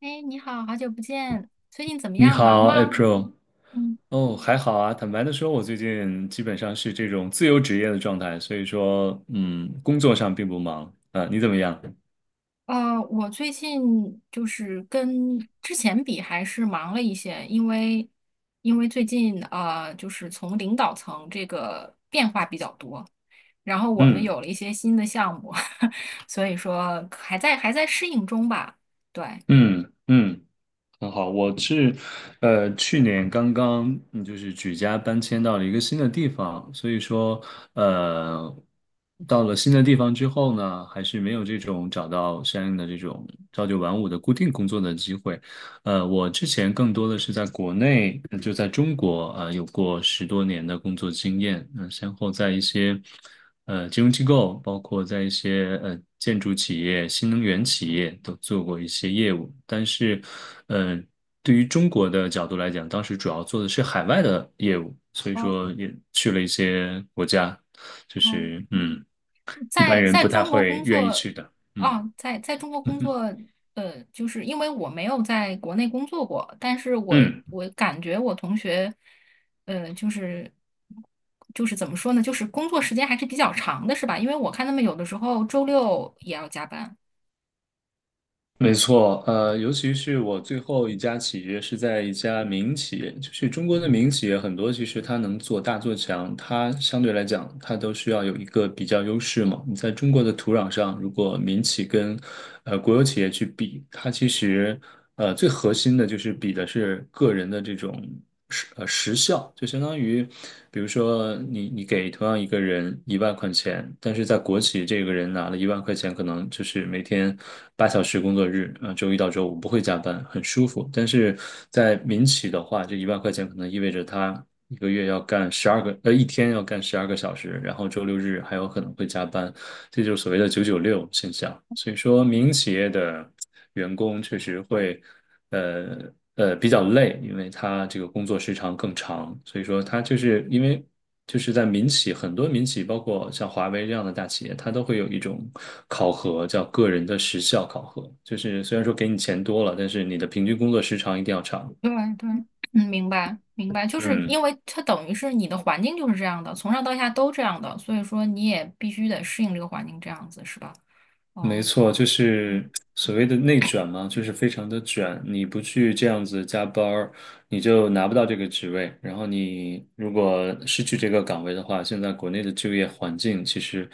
哎，你好，好久不见，最近怎么你样？忙好吗？，April。嗯，哦，还好啊。坦白的说，我最近基本上是这种自由职业的状态，所以说，工作上并不忙啊。你怎么样？我最近就是跟之前比还是忙了一些，因为因为最近就是从领导层这个变化比较多，然后我们嗯有了一些新的项目，所以说还在适应中吧。对，嗯嗯。很好，我是，去年刚刚就是举家搬迁到了一个新的地方，所以说，呃，到了新的地方之后呢，还是没有这种找到相应的这种朝九晚五的固定工作的机会。我之前更多的是在国内，就在中国啊有过10多年的工作经验，先后在一些，金融机构，包括在一些建筑企业、新能源企业都做过一些业务，但是，呃，对于中国的角度来讲，当时主要做的是海外的业务，所以哦说也去了一些国家，就哦，是一在般人在不太中国会工愿意作，去的，啊，嗯在中国工作，就是因为我没有在国内工作过，但是我嗯。感觉我同学，就是就是怎么说呢，就是工作时间还是比较长的，是吧？因为我看他们有的时候周六也要加班。没错，尤其是我最后一家企业是在一家民企业，就是中国的民企业很多，其实它能做大做强，它相对来讲，它都需要有一个比较优势嘛。你在中国的土壤上，如果民企跟国有企业去比，它其实最核心的就是比的是个人的这种时效，就相当于，比如说你给同样一个人一万块钱，但是在国企这个人拿了一万块钱，可能就是每天8小时工作日，啊、周一到周五不会加班，很舒服。但是在民企的话，这一万块钱可能意味着他，一个月要干十二个，一天要干十二个小时，然后周六日还有可能会加班，这就是所谓的"996"现象。所以说，民营企业的员工确实会，呃比较累，因为他这个工作时长更长。所以说，他就是因为就是在民企，很多民企，包括像华为这样的大企业，它都会有一种考核，叫个人的时效考核，就是虽然说给你钱多了，但是你的平均工作时长一定要长。对对，嗯，明白明白，就是因嗯，为它等于是你的环境就是这样的，从上到下都这样的，所以说你也必须得适应这个环境，这样子是吧？没哦。错，就嗯。是所谓的内卷嘛，就是非常的卷。你不去这样子加班儿，你就拿不到这个职位。然后你如果失去这个岗位的话，现在国内的就业环境其实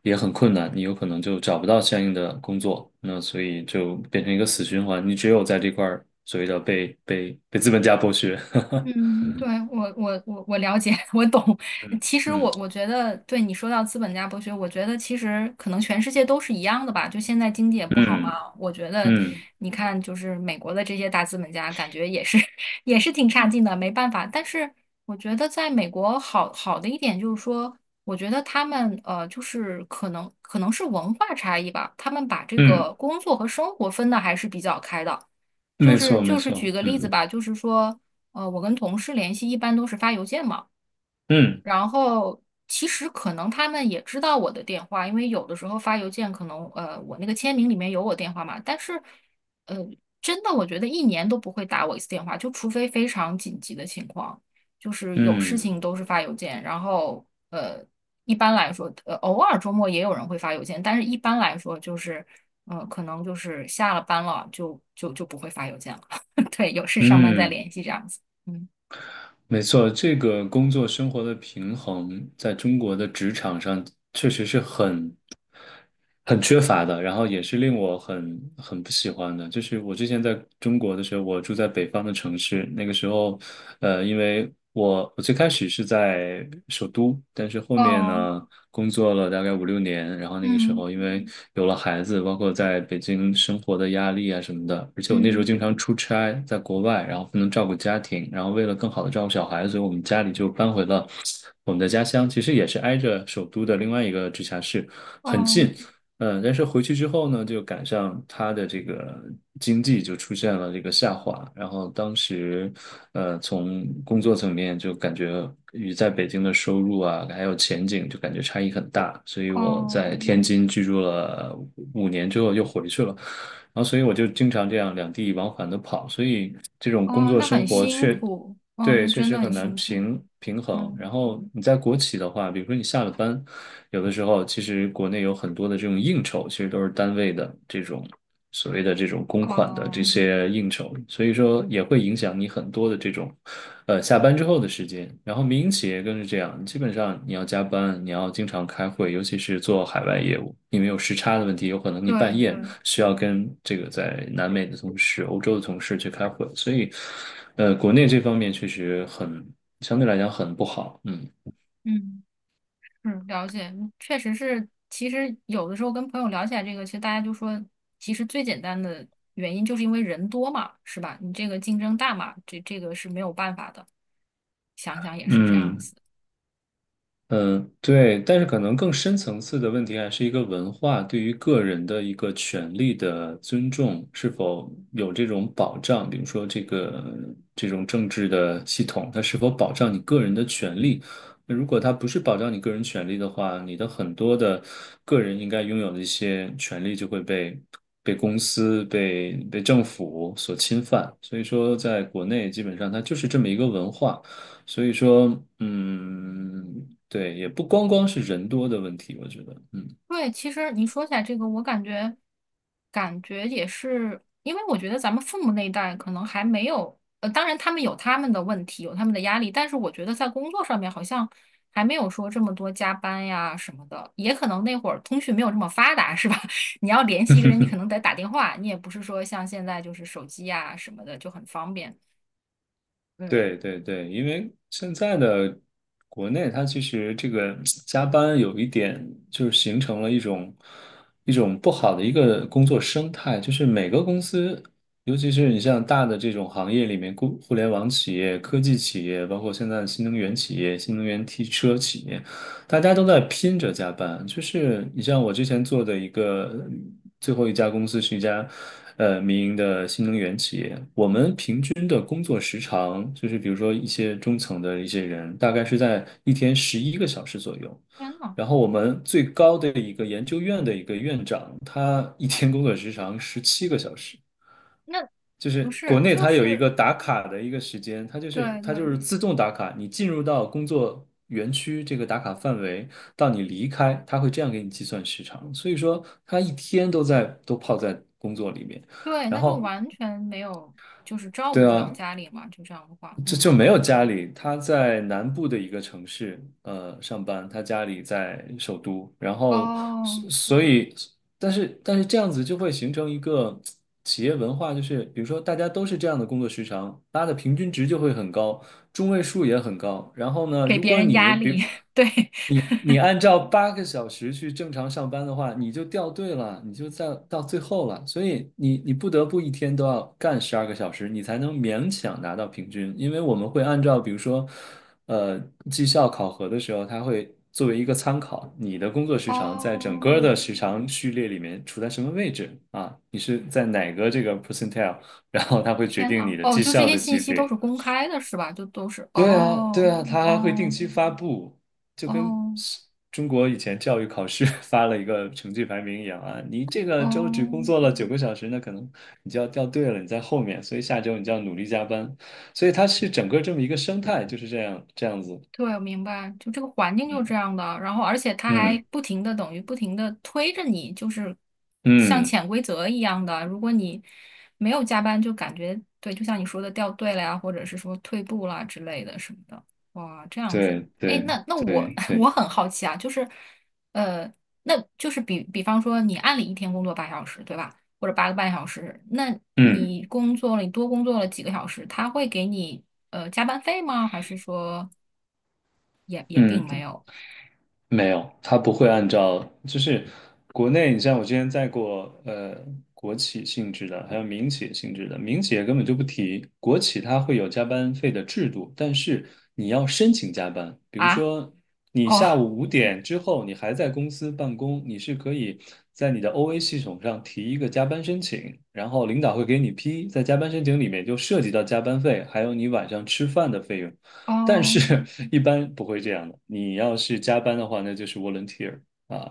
也很困难，你有可能就找不到相应的工作。那所以就变成一个死循环，你只有在这块儿所谓的被资本家剥削。嗯，对，我了解，我懂。嗯其实嗯我觉得，对你说到资本家剥削，我觉得其实可能全世界都是一样的吧。就现在经济也不好嗯嘛，我觉得嗯你看，就是美国的这些大资本家，感觉也是 也是挺差劲的，没办法。但是我觉得在美国好好的一点就是说，我觉得他们就是可能是文化差异吧，他们把这嗯，个工作和生活分的还是比较开的。就没是错没就是举错，个例子嗯吧，就是说。我跟同事联系一般都是发邮件嘛，嗯然后其实可能他们也知道我的电话，因为有的时候发邮件可能我那个签名里面有我电话嘛，但是呃真的我觉得一年都不会打我一次电话，就除非非常紧急的情况，就是有事嗯情都是发邮件，然后一般来说偶尔周末也有人会发邮件，但是一般来说就是可能就是下了班了就不会发邮件了，对，有事上班再嗯。联系这样子。嗯。没错，这个工作生活的平衡在中国的职场上确实是很缺乏的，然后也是令我很不喜欢的。就是我之前在中国的时候，我住在北方的城市，那个时候，因为我最开始是在首都，但是后面哦，呢，工作了大概5、6年，然后那个时嗯候因为有了孩子，包括在北京生活的压力啊什么的，而且我那时候嗯，经常出差，在国外，然后不能照顾家庭，然后为了更好的照顾小孩，所以我们家里就搬回了我们的家乡，其实也是挨着首都的另外一个直辖市，很近。哦但是回去之后呢，就赶上他的这个经济就出现了这个下滑，然后当时，从工作层面就感觉与在北京的收入啊，还有前景就感觉差异很大，所以我哦在天津居住了5年之后又回去了，然后所以我就经常这样两地往返的跑，所以这种工哦，作那很生活辛苦，哦，对，那确真实的很很难辛苦，平衡。然嗯，后你在国企的话，比如说你下了班，有的时候，其实国内有很多的这种应酬，其实都是单位的这种所谓的这种公款的这哦，些应酬，所以说也会影响你很多的这种，下班之后的时间。然后民营企业更是这样，基本上你要加班，你要经常开会，尤其是做海外业务，因为有时差的问题，有可能你对半夜对，需要跟这个在南美的同事、欧洲的同事去开会，所以，国内这方面确实很，相对来讲很不好，嗯。嗯，是了解，确实是，其实有的时候跟朋友聊起来这个，其实大家就说，其实最简单的原因就是因为人多嘛，是吧？你这个竞争大嘛，这这个是没有办法的，想想也是这样嗯，子。嗯，对，但是可能更深层次的问题还是一个文化对于个人的一个权利的尊重是否有这种保障，比如说这个这种政治的系统，它是否保障你个人的权利？那如果它不是保障你个人权利的话，你的很多的个人应该拥有的一些权利就会被公司、被政府所侵犯。所以说，在国内基本上它就是这么一个文化。所以说，嗯，对，也不光光是人多的问题，我觉得，嗯。对，其实你说起来这个，我感觉感觉也是，因为我觉得咱们父母那一代可能还没有，当然他们有他们的问题，有他们的压力，但是我觉得在工作上面好像还没有说这么多加班呀什么的，也可能那会儿通讯没有这么发达，是吧？你要联系一个人，你可 能得打电话，你也不是说像现在就是手机呀什么的就很方便。嗯，对对对，因为现在的国内，它其实这个加班有一点，就是形成了一种不好的一个工作生态，就是每个公司，尤其是你像大的这种行业里面，互联网企业、科技企业，包括现在的新能源企业、新能源汽车企业，大家都在拼着加班。就是你像我之前做的一个最后一家公司是一家民营的新能源企业。均的工作时长，就是比如说一些中层的一些人，大概是在一天11个小时左右。天呐，然后我们最高的一个研究院的一个院长，他一天工作时长17个小时。那就不是国是，内就他有一是个打卡的一个时间，对它就对。是自动打卡，你进入到工作园区这个打卡范围，到你离开，他会这样给你计算时长。所以说，他一天都泡在工作里面，对，然那就后完全没有，就是照顾对不了啊，家里嘛，就这样的话，这就嗯，没有家里，他在南部的一个城市，上班，他家里在首都，然后哦，所以，但是这样子就会形成一个企业文化，就是比如说大家都是这样的工作时长，拉的平均值就会很高，中位数也很高。然后呢，给如别果人你压力，比 对，你按照8个小时去正常上班的话，你就掉队了，你就在到最后了。所以你不得不一天都要干十二个小时，你才能勉强拿到平均。因为我们会按照比如说，呃，绩效考核的时候，它会作为一个参考，你的工作时长在整哦，个的时长序列里面处在什么位置啊？你是在哪个这个 percentile,然后它会决天定呐，你的哦，绩就这效些的信级息都是别。公开的，是吧？就都是，对啊，对哦，啊，他还会定哦，期发布，就跟哦，是中国以前教育考试 发了一个成绩排名一样啊。你这个周只工哦。作了9个小时，那可能你就要掉队了，你在后面，所以下周你就要努力加班。所以它是整个这么一个生态，就是这样子。对，我明白，就这个环境就是这嗯样的，然后而且它还嗯不停的等于不停的推着你，就是像嗯，潜规则一样的。如果你没有加班，就感觉对，就像你说的掉队了呀，或者是说退步啦之类的什么的。哇，这样子，对哎，对那那我 对 我对。很好奇啊，就是呃，那就是比比方说你按理一天工作8小时，对吧？或者8个半小时，那嗯你工作了，你多工作了几个小时，他会给你加班费吗？还是说？也也并没嗯，有没有，它不会按照，就是国内，你像我之前在过，国企性质的，还有民企性质的，民企也根本就不提，国企它会有加班费的制度，但是你要申请加班，比如啊，说你哦下午5点之后你还在公司办公，你是可以在你的 OA 系统上提一个加班申请，然后领导会给你批，在加班申请里面就涉及到加班费，还有你晚上吃饭的费用。但是 哦 一般不会这样的。你要是加班的话，那就是 volunteer 啊，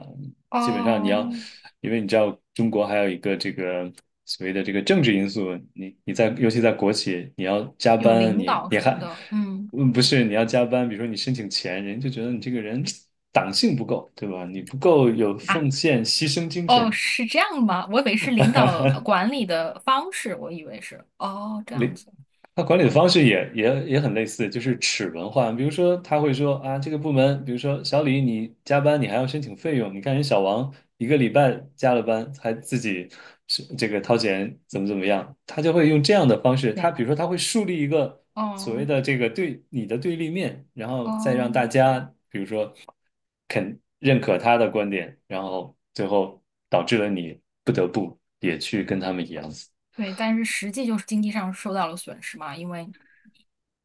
基本上你要，哦，因为你知道中国所谓的这个政治因素，你在尤其在国企，你要加有班，领你导你什么还，的，嗯不是你要加班，比如说你申请钱，人就觉得你这个人党性不够，对吧？你不够有啊，奉献牺牲精哦，神，是这样吗？我以为是领导 管理的方式，我以为是，哦，这样领子，他管理的哦，方式也很类似，就是齿轮化。比如说，他会说啊，这个部门，比如说小李，你加班你还要申请费用，你看人小王一个礼拜加了班还自己是这个掏钱，怎么怎么样，他就会用这样的方式。他天比呐，如说，他会树立一个所谓哦的这个对你的对立面，然后再让哦，大家比如说肯认可他的观点，然后最后导致了你不得不也去跟他们一样。对，但是实际就是经济上受到了损失嘛，因为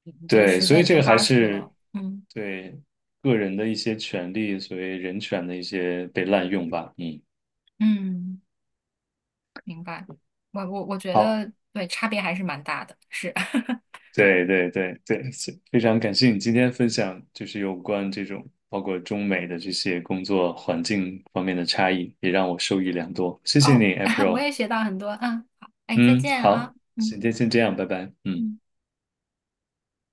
你你这个对，时所间以已这经个还花出去是了，嗯对个人的一些权利，所谓人权的一些被滥用吧。嗯，嗯，明白，我觉好，得对，差别还是蛮大的，是。对对对对，是非常感谢你今天分享，就是有关这种包括中美的这些工作环境方面的差异，也让我受益良多。谢谢哦，你 我，April。也学到很多，啊。好，哎，再嗯，见好，啊，嗯今天先这样，拜拜。嗯。嗯。